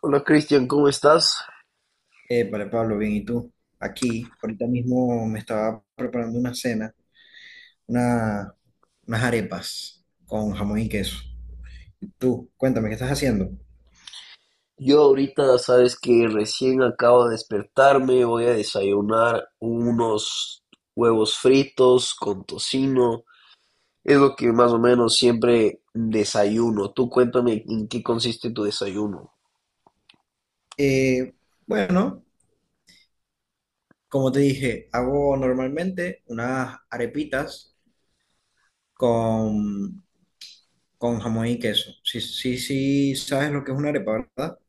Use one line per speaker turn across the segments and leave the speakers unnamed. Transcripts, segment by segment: Hola Cristian, ¿cómo estás?
Vale, Pablo, bien, ¿y tú? Aquí, ahorita mismo me estaba preparando una cena, una, unas arepas con jamón y queso. Tú, cuéntame, ¿qué estás haciendo?
Yo ahorita sabes que recién acabo de despertarme, voy a desayunar unos huevos fritos con tocino, es lo que más o menos siempre desayuno. Tú cuéntame en qué consiste tu desayuno.
Eh, bueno, como te dije, hago normalmente unas arepitas con, con jamón y queso. Sí, sí, sí, sabes lo que es una arepa, ¿verdad?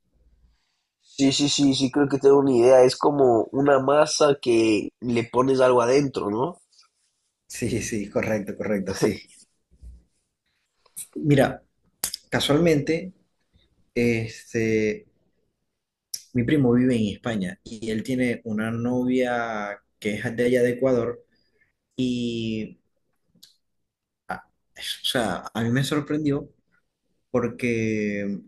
Sí, sí, sí, sí, creo que tengo una idea, es como una masa que le pones algo adentro, ¿no?
Sí, sí, correcto, correcto, sí. Mira, casualmente, este, mi primo vive en España y él tiene una novia que es de allá de Ecuador y, ah, o sea, a mí me sorprendió porque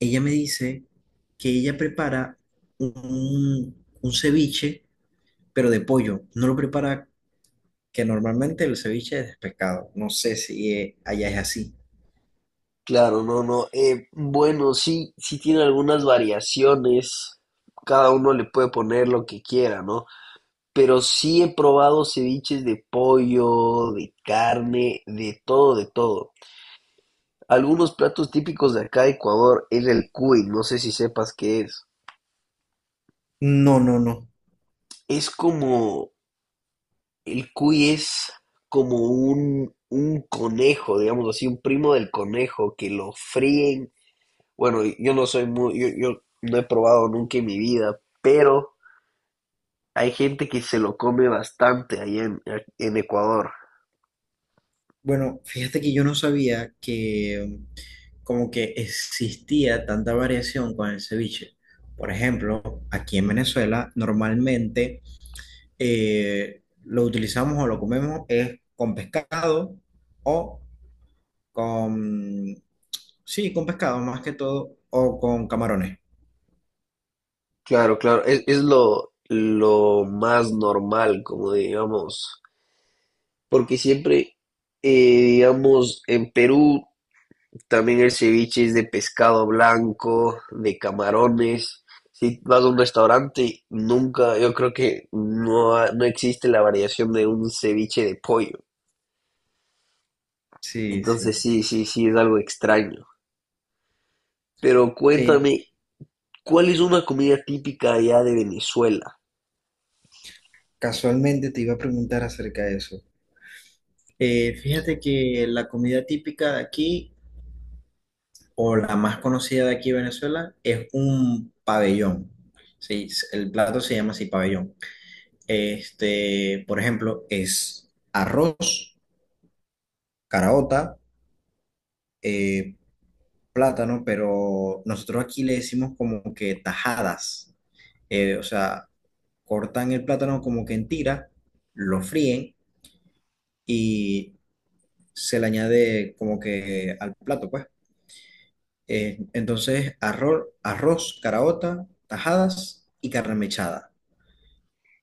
ella me dice que ella prepara un ceviche, pero de pollo. No lo prepara, que normalmente el ceviche es de pescado. No sé si allá es así.
Claro, no, no. Bueno, sí, sí tiene algunas variaciones, cada uno le puede poner lo que quiera, ¿no? Pero sí he probado ceviches de pollo, de carne, de todo, de todo. Algunos platos típicos de acá de Ecuador es el cuy, no sé si sepas qué es.
No, no, no.
Es como, el cuy es como un conejo, digamos así, un primo del conejo que lo fríen. Bueno, yo no soy muy, yo no he probado nunca en mi vida, pero hay gente que se lo come bastante en Ecuador.
Bueno, fíjate que yo no sabía que como que existía tanta variación con el ceviche. Por ejemplo, aquí en Venezuela normalmente lo utilizamos o lo comemos es con pescado o con, sí, con pescado más que todo o con camarones.
Claro, claro, es lo más normal, como digamos, porque siempre, digamos, en Perú también el ceviche es de pescado blanco, de camarones. Si vas a un restaurante, nunca, yo creo que no, no existe la variación de un ceviche de pollo.
Sí,
Entonces
sí.
sí, sí, sí, es algo extraño. Pero
Eh,
cuéntame, ¿cuál es una comida típica allá de Venezuela?
casualmente te iba a preguntar acerca de eso. Fíjate que la comida típica de aquí o la más conocida de aquí de Venezuela, es un pabellón. Sí, el plato se llama así pabellón. Este, por ejemplo, es arroz, caraota, eh, plátano, pero nosotros aquí le decimos como que tajadas. O sea, cortan el plátano como que en tiras, lo fríen y se le añade como que al plato, pues. Entonces, arroz, caraota, tajadas y carne mechada.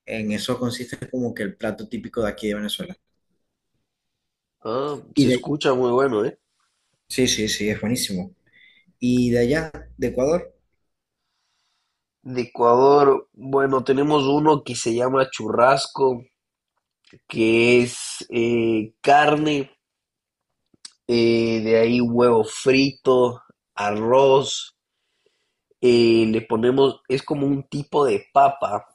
En eso consiste como que el plato típico de aquí de Venezuela.
Ah,
Y
se
de...
escucha muy bueno, ¿eh?
Sí, sí, sí, es buenísimo. Y de allá, de Ecuador,
De Ecuador, bueno, tenemos uno que se llama churrasco, que es carne, de ahí huevo frito, arroz, le ponemos, es como un tipo de papa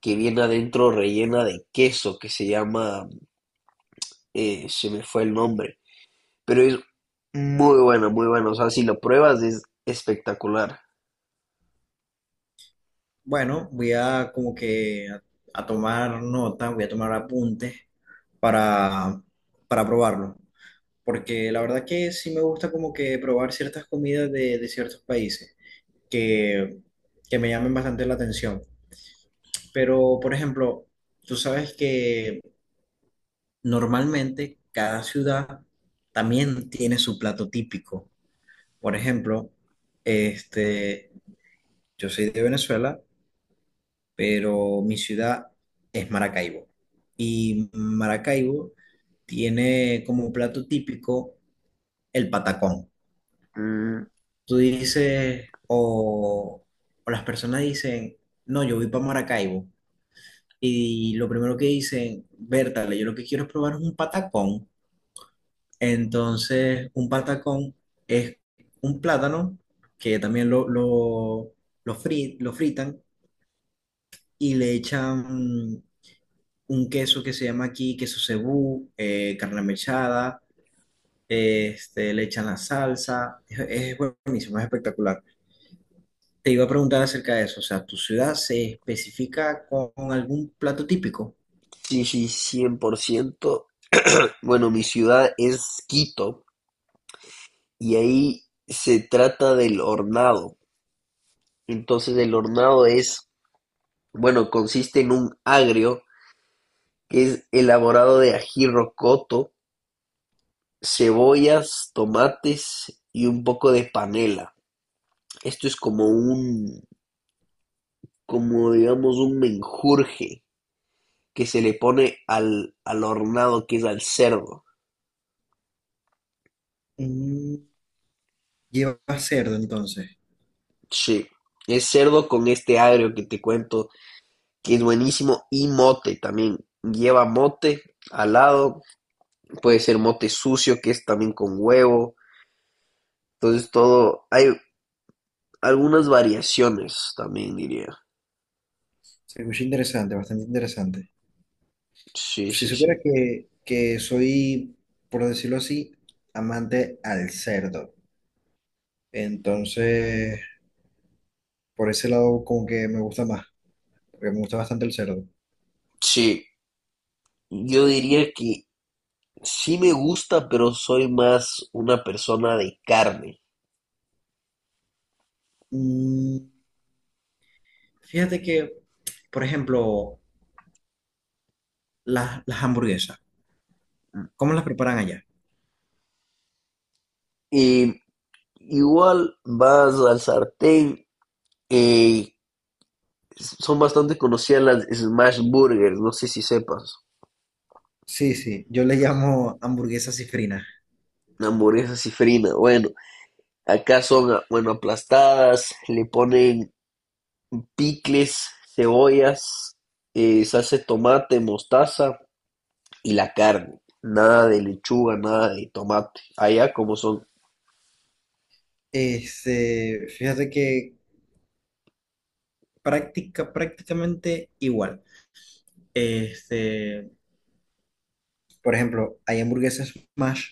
que viene adentro rellena de queso, que se llama, se me fue el nombre, pero es muy bueno, muy bueno, o sea, si lo pruebas es espectacular.
bueno, voy a como que a tomar nota, voy a tomar apuntes para, para probarlo. Porque la verdad que sí me gusta como que probar ciertas comidas de ciertos países que, que me llamen bastante la atención. Pero, por ejemplo, tú sabes que normalmente cada ciudad también tiene su plato típico. Por ejemplo, este, yo soy de Venezuela, pero mi ciudad es Maracaibo. Y Maracaibo tiene como un plato típico el patacón.
Mm,
Tú dices, o las personas dicen, no, yo voy para Maracaibo. Y lo primero que dicen, Bertale, yo lo que quiero es probar un patacón. Entonces, un patacón es un plátano que también lo lo fritan y le echan un queso que se llama aquí queso cebú, carne mechada, este, le echan la salsa, es buenísimo, es espectacular. Te iba a preguntar acerca de eso, o sea, ¿tu ciudad se especifica con algún plato típico?
sí, sí, 100%. Bueno, mi ciudad es Quito, y ahí se trata del hornado. Entonces el hornado es, bueno, consiste en un agrio que es elaborado de ají rocoto, cebollas, tomates y un poco de panela. Esto es como un, como digamos un menjurje que se le pone al hornado que es al cerdo.
Mm, lleva cerdo entonces,
Sí, es cerdo con este agrio que te cuento, que es buenísimo, y mote también. Lleva mote al lado, puede ser mote sucio, que es también con huevo. Entonces todo, hay algunas variaciones también diría.
se escucha interesante, bastante interesante.
Sí,
Si
sí, sí.
supiera que soy, por decirlo así, amante al cerdo, entonces por ese lado como que me gusta más. Porque me gusta bastante el cerdo.
Sí, yo diría que sí me gusta, pero soy más una persona de carne.
Mm, fíjate que, por ejemplo, las hamburguesas, ¿cómo las preparan allá?
Y igual vas al sartén, eh, son bastante conocidas las smash burgers, no sé si sepas,
Sí, sí, yo le llamo hamburguesa cifrina.
hamburguesas y frina. Bueno, acá son, ah, bueno, aplastadas, le ponen picles, cebollas, salsa de tomate, mostaza y la carne. Nada de lechuga, nada de tomate. Allá como son.
Este, fíjate que, prácticamente igual. Este, por ejemplo, hay hamburguesas smash,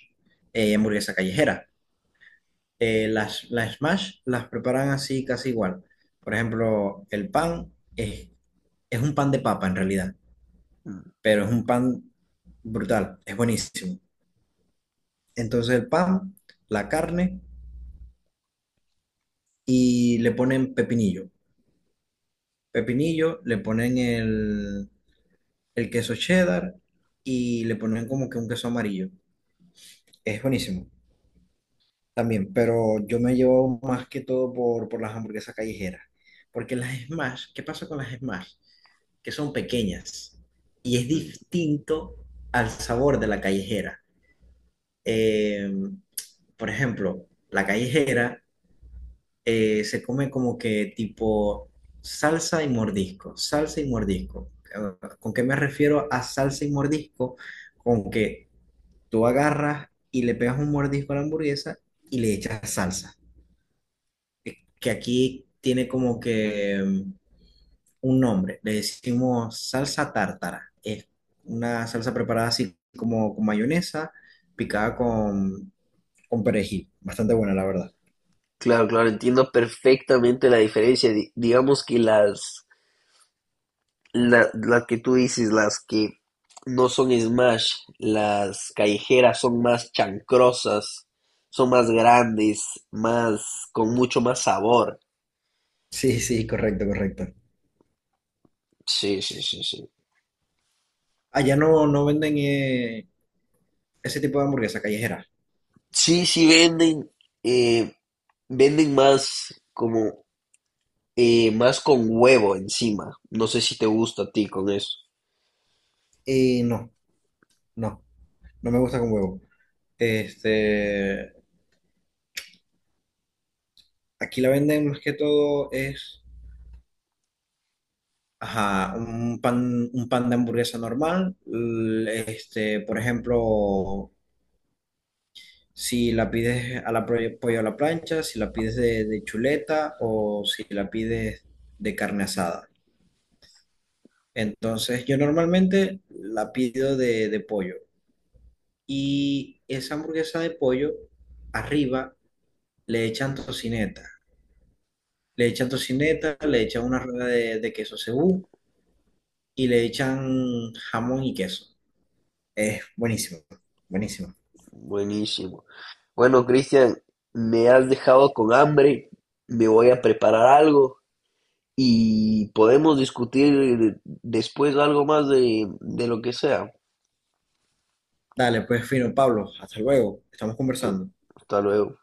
hamburguesa callejera. Las smash las preparan así casi igual. Por ejemplo, es un pan de papa en realidad.
Mm,
Pero es un pan brutal, es buenísimo. Entonces el pan, la carne y le ponen pepinillo. Pepinillo, el queso cheddar y le ponen como que un queso amarillo. Es buenísimo también, pero yo me llevo más que todo por las hamburguesas callejeras. Porque las Smash, ¿qué pasa con las Smash? Que son pequeñas y es
mm.
distinto al sabor de la callejera. eh, por ejemplo, la callejera se come como que tipo salsa y mordisco, salsa y mordisco. ¿Con qué me refiero a salsa y mordisco? Con que tú agarras y le pegas un mordisco a la hamburguesa y le echas salsa, que aquí tiene como que un nombre, le decimos salsa tártara. Es una salsa preparada así como con mayonesa, picada con perejil. Bastante buena, la verdad.
Claro, claro, entiendo perfectamente la diferencia. Digamos que las, las que tú dices, las que no son smash, las callejeras son más chancrosas, son más grandes, más, con mucho más sabor.
Sí, sí, correcto, correcto.
Sí, sí, sí, sí.
Allá no, no venden ese tipo de hamburguesa callejera.
Sí, sí venden. eh, Venden más como más con huevo encima. No sé si te gusta a ti con eso.
No, no, no me gusta con huevo. Este, aquí la venden más que todo es, ajá, un pan de hamburguesa normal. Este, por ejemplo, si la pides a la pollo a la plancha, si la pides de chuleta o si la pides de carne asada. Entonces, yo normalmente la pido de pollo. Y esa hamburguesa de pollo, arriba le echan tocineta. Le echan tocineta,
Ok,
le echan una rueda de queso cebú y le echan jamón y queso. Es buenísimo, buenísimo.
buenísimo. Bueno, Cristian, me has dejado con hambre. Me voy a preparar algo y podemos discutir después algo más de lo que sea.
Dale, pues fino, Pablo, hasta luego. Estamos
Entonces,
conversando.
hasta luego.